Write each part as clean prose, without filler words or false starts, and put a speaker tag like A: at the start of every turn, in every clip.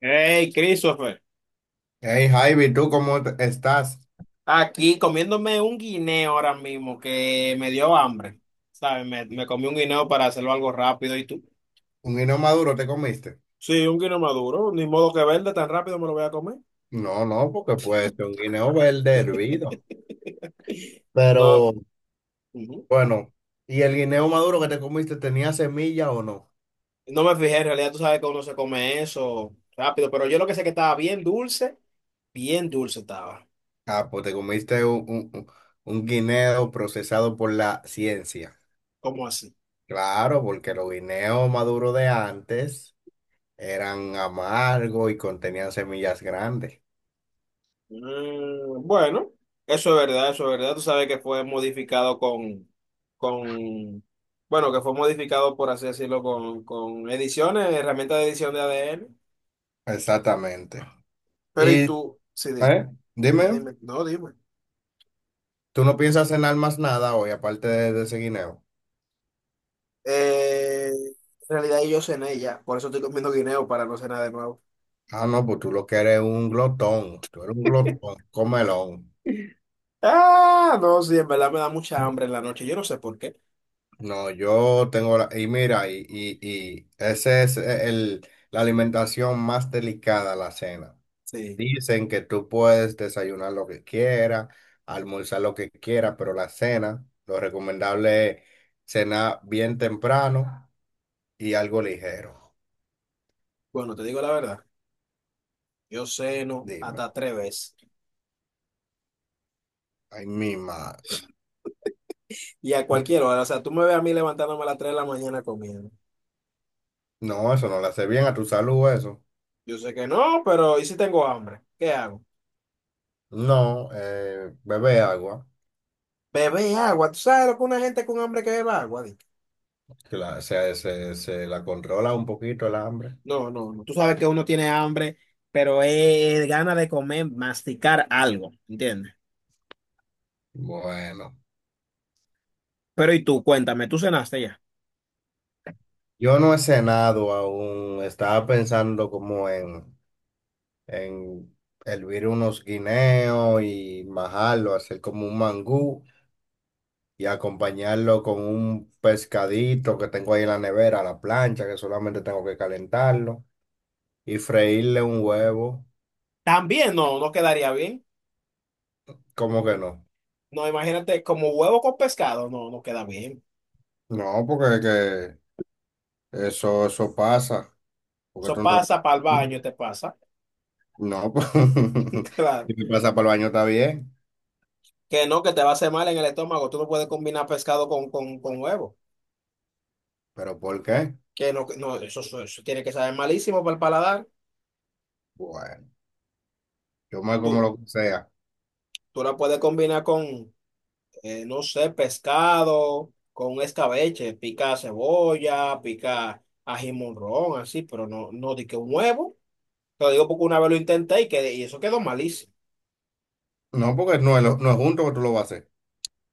A: Hey, Christopher,
B: Hey Javi, ¿tú cómo estás?
A: aquí comiéndome un guineo ahora mismo que me dio hambre, ¿sabes? Me comí un guineo para hacerlo algo rápido y tú.
B: ¿Un guineo maduro te comiste?
A: Sí, un guineo maduro, ni modo que verde, tan rápido me lo voy a comer.
B: No, no, porque puede ser un guineo verde hervido.
A: No,
B: Pero
A: ujú.
B: bueno, ¿y el guineo maduro que te comiste tenía semilla o no?
A: No me fijé, en realidad tú sabes que uno se come eso rápido, pero yo lo que sé que estaba bien dulce estaba.
B: Ah, pues te comiste un, un guineo procesado por la ciencia.
A: ¿Cómo así?
B: Claro, porque los guineos maduros de antes eran amargos y contenían semillas grandes.
A: Mm, bueno, eso es verdad, eso es verdad. Tú sabes que fue modificado con, bueno, que fue modificado, por así decirlo, con ediciones, herramientas de edición de ADN.
B: Exactamente.
A: Pero y
B: Y,
A: tú, sí,
B: ¿eh? Dime,
A: dime. No, dime.
B: ¿tú no piensas cenar más nada hoy aparte de ese guineo?
A: En realidad yo cené ya, por eso estoy comiendo guineo para no cenar de nuevo.
B: Ah, no, pues tú lo que eres un glotón, tú eres un glotón, comelón.
A: Ah, no, sí, en verdad me da mucha hambre en la noche, yo no sé por qué.
B: No, yo tengo la, y mira, y ese es el, la alimentación más delicada, la cena.
A: Sí,
B: Dicen que tú puedes desayunar lo que quieras, almorzar lo que quieras, pero la cena, lo recomendable es cenar bien temprano y algo ligero.
A: bueno, te digo la verdad, yo ceno
B: Dime,
A: hasta tres veces.
B: ay, mi madre.
A: Y a cualquier hora, o sea, tú me ves a mí levantándome a las 3 de la mañana comiendo.
B: No, eso no le hace bien a tu salud, eso.
A: Yo sé que no, pero ¿y si tengo hambre? ¿Qué hago?
B: No, bebe agua.
A: Bebé agua. ¿Tú sabes lo que una gente con hambre que beba agua? ¿Dick?
B: Se, se la controla un poquito el hambre.
A: No, no, no. Tú sabes que uno tiene hambre, pero es gana de comer, masticar algo, ¿entiendes?
B: Bueno,
A: Pero ¿y tú? Cuéntame, ¿tú cenaste ya?
B: yo no he cenado aún. Estaba pensando como en hervir unos guineos y majarlo, hacer como un mangú y acompañarlo con un pescadito que tengo ahí en la nevera, a la plancha, que solamente tengo que calentarlo y freírle un huevo.
A: También no, no quedaría bien.
B: ¿Cómo que no?
A: No, imagínate, como huevo con pescado, no, no queda bien.
B: No, porque que eso pasa. Porque
A: Eso
B: tú no-
A: pasa para el baño, te pasa.
B: No, pues,
A: Claro.
B: si te pasa por el baño está bien,
A: Que no, que te va a hacer mal en el estómago. Tú no puedes combinar pescado con huevo.
B: pero ¿por qué?
A: Que no, tiene que saber malísimo para el paladar.
B: Bueno, yo me como
A: Tú,
B: lo que sea.
A: tú la puedes combinar con, no sé, pescado, con un escabeche, pica cebolla, pica ají morrón, así, pero no, no di que un huevo. Te lo digo porque una vez lo intenté y, que, y eso quedó malísimo.
B: No, porque no es, no es junto que tú lo vas a hacer.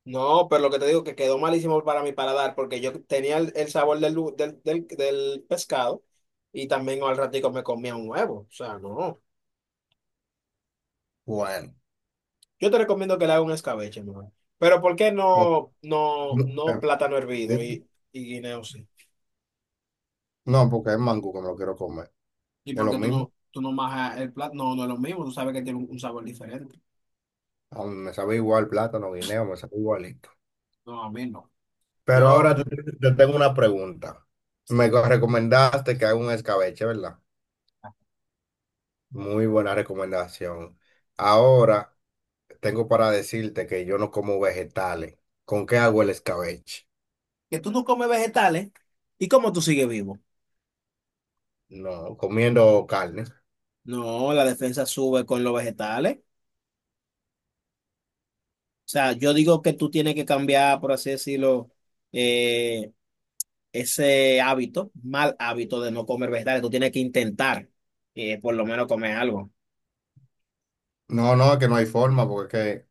A: No, pero lo que te digo que quedó malísimo para mi paladar, porque yo tenía el sabor del pescado y también al ratico me comía un huevo. O sea, no.
B: Bueno,
A: Yo te recomiendo que le hagas un escabeche, mejor. Pero ¿por qué
B: o- no,
A: no
B: eh,
A: plátano hervido
B: di-
A: y guineo sí?
B: no, porque es mango que me lo quiero comer.
A: ¿Y
B: Es
A: por
B: lo
A: qué tú
B: mismo.
A: tú no majas el plátano? No, no es lo mismo, tú sabes que tiene un sabor diferente.
B: A mí me sabe igual plátano, guineo, me sabe igualito.
A: No, a mí no.
B: Pero ahora
A: Yo,
B: yo te tengo una pregunta.
A: sí.
B: Recomendaste que haga un escabeche, ¿verdad? Muy buena recomendación. Ahora tengo para decirte que yo no como vegetales. ¿Con qué hago el escabeche?
A: Que tú no comes vegetales, ¿y cómo tú sigues vivo?
B: No, comiendo carne.
A: No, la defensa sube con los vegetales. O sea, yo digo que tú tienes que cambiar, por así decirlo, eh, ese hábito, mal hábito de no comer vegetales. Tú tienes que intentar, por lo menos comer algo.
B: No, no, es que no hay forma, porque es que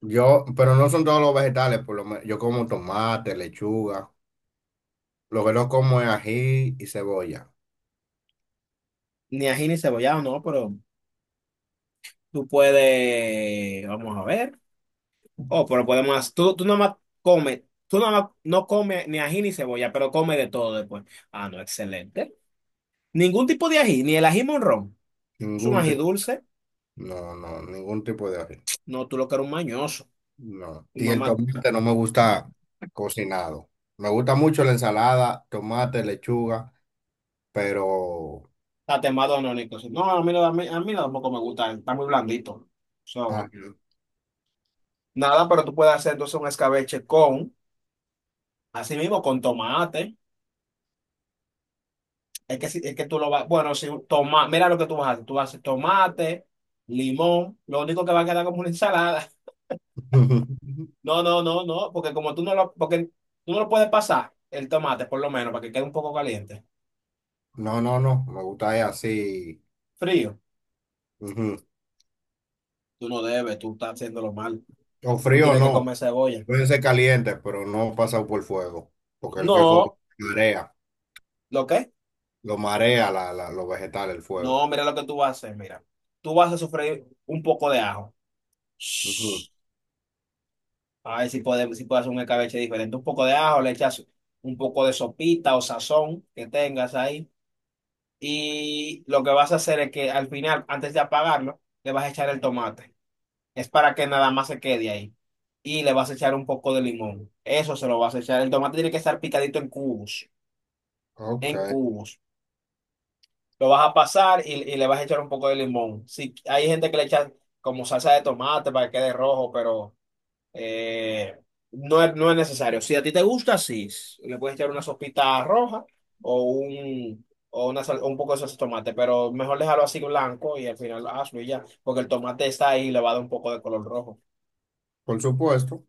B: yo, pero no son todos los vegetales, por lo menos yo como tomate, lechuga. Lo que no como es ají y cebolla.
A: Ni ají ni cebollado, no, pero tú puedes, vamos a ver. Oh, pero podemos, tú nomás comes, tú nomás no comes ni ají ni cebolla, pero come de todo después. Ah, no, excelente. Ningún tipo de ají, ni el ají monrón. Es un
B: Ningún
A: ají
B: tipo.
A: dulce.
B: No, no, ningún tipo de ají.
A: No, tú lo que eres un mañoso.
B: No.
A: Tu
B: Y el
A: mamá
B: tomate no me gusta cocinado. Me gusta mucho la ensalada, tomate, lechuga, pero...
A: está temado anónico. No, a mí, a mí no tampoco me gusta, está muy blandito. So,
B: ají.
A: nada, pero tú puedes hacer entonces un escabeche con, así mismo, con tomate. Es que, es que tú lo vas, bueno, si toma, mira lo que tú vas a hacer, tú vas a tomate, limón, lo único que va a quedar como una ensalada. No, porque como tú no lo, porque tú no lo puedes pasar, el tomate por lo menos, para que quede un poco caliente.
B: No, no, no, me gusta es así.
A: Frío,
B: Ujú.
A: tú no debes, tú estás haciéndolo mal,
B: O
A: tú
B: frío
A: tienes que
B: no,
A: comer cebolla.
B: pueden ser calientes, pero no pasado por fuego, porque el que fuego
A: No,
B: marea,
A: ¿lo qué?
B: lo marea los vegetales, el fuego.
A: No, mira lo que tú vas a hacer, mira, tú vas a sofreír un poco de ajo.
B: Ujú.
A: Shh. A ver si podemos, si puedes hacer un escabeche diferente, un poco de ajo, le echas un poco de sopita o sazón que tengas ahí y lo que vas a hacer es que al final, antes de apagarlo, le vas a echar el tomate. Es para que nada más se quede ahí. Y le vas a echar un poco de limón. Eso se lo vas a echar. El tomate tiene que estar picadito en cubos,
B: Ok,
A: en cubos. Lo vas a pasar y le vas a echar un poco de limón. Si hay gente que le echa como salsa de tomate para que quede rojo, pero eh, no es, no es necesario. Si a ti te gusta, sí. Le puedes echar una sopita roja o un, o un poco de salsa de tomate, pero mejor dejarlo así blanco y al final hazlo y ya, porque el tomate está ahí y le va a dar un poco de color rojo.
B: por supuesto,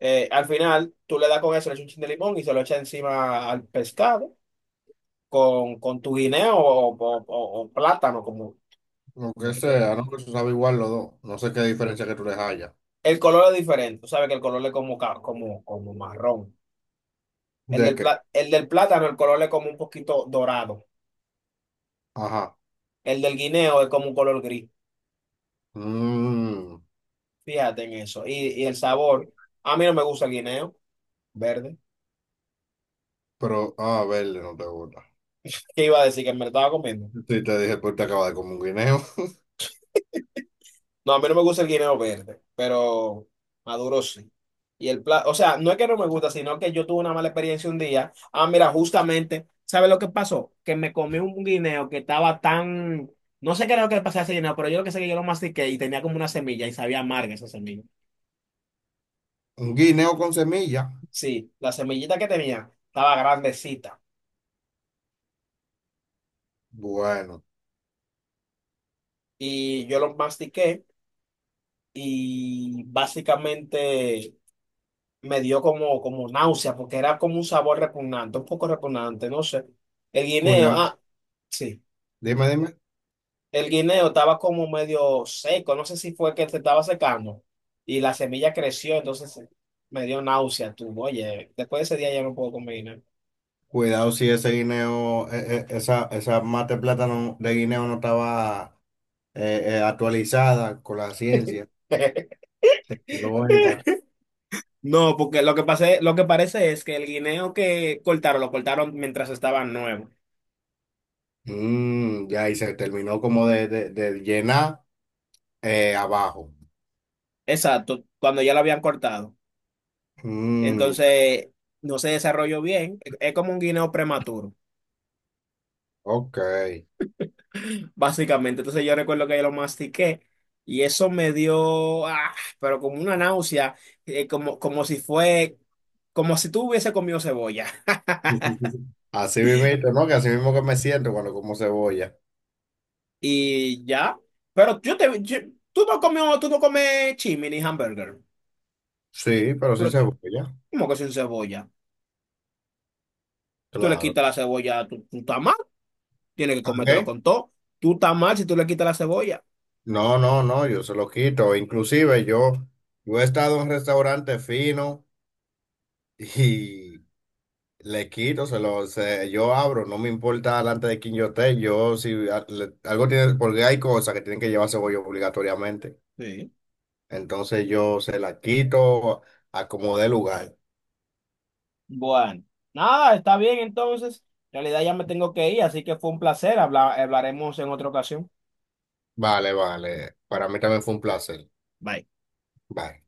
A: Al final, tú le das con eso, le echas un chin de limón y se lo echas encima al pescado con tu guineo o, o plátano, como,
B: lo
A: como
B: que
A: tú quieras.
B: sea, no que se sabe igual los dos, no sé qué diferencia que tú les hayas.
A: El color es diferente, tú sabes que el color es como, como, como marrón. El
B: ¿De
A: del,
B: qué?
A: el del plátano, el color es como un poquito dorado.
B: Ajá.
A: El del guineo es como un color gris.
B: Mm,
A: Fíjate en eso. Y el sabor. A mí no me gusta el guineo verde.
B: pero, ah, verde no te gusta.
A: ¿Qué iba a decir? Que me lo estaba comiendo.
B: Sí, te dije que te acabas de comer un guineo.
A: No, a mí no me gusta el guineo verde, pero maduro sí. Y el plato, o sea, no es que no me gusta, sino que yo tuve una mala experiencia un día. Ah, mira, justamente, ¿sabes lo que pasó? Que me comí un guineo que estaba tan. No sé qué era lo que le pasaba a ese guineo, pero yo lo que sé es que yo lo mastiqué y tenía como una semilla y sabía amarga esa semilla.
B: Un guineo con semilla.
A: Sí, la semillita que tenía estaba grandecita.
B: Bueno,
A: Y yo lo mastiqué. Y básicamente me dio como, como náusea porque era como un sabor repugnante, un poco repugnante, no sé. El guineo,
B: cuidado.
A: ah, sí,
B: Dime, dime.
A: el guineo estaba como medio seco, no sé si fue que se estaba secando y la semilla creció, entonces me dio náusea, tú, oye, después de ese día ya no puedo comer guineo.
B: Cuidado si ese guineo, esa, esa mate plátano de guineo no estaba actualizada con la ciencia. Se quedó esa.
A: No, porque lo que pasé, lo que parece es que el guineo que cortaron, lo cortaron mientras estaba nuevo.
B: Mm, ya, y se terminó como de, de llenar abajo.
A: Exacto, cuando ya lo habían cortado.
B: Mm,
A: Entonces, no se desarrolló bien. Es como un guineo prematuro,
B: ok.
A: básicamente. Entonces, yo recuerdo que yo lo mastiqué y eso me dio, ah, pero como una náusea, como, como si fue, como si tú hubiese comido cebolla.
B: Así mismo, ¿no? Que así mismo que me siento cuando como cebolla.
A: Y ya, pero tú no comió, tú no comes chimini hamburger,
B: Sí, pero sí
A: pero
B: cebolla,
A: ¿cómo que sin cebolla? Tú le
B: claro.
A: quitas la cebolla, tú estás mal, tienes que comértelo
B: ¿Qué?
A: con todo. Tú estás mal si tú le quitas la cebolla.
B: No, no, no, yo se lo quito. Inclusive yo, yo he estado en restaurantes finos y le quito, yo abro, no me importa delante de quién yo esté, yo si algo tiene, porque hay cosas que tienen que llevarse bollo obligatoriamente.
A: Sí.
B: Entonces yo se la quito, acomodé lugar.
A: Bueno, nada, está bien entonces. En realidad ya me tengo que ir, así que fue un placer. Hablaremos en otra ocasión.
B: Vale, vale. Para mí también fue un placer.
A: Bye.
B: Bye.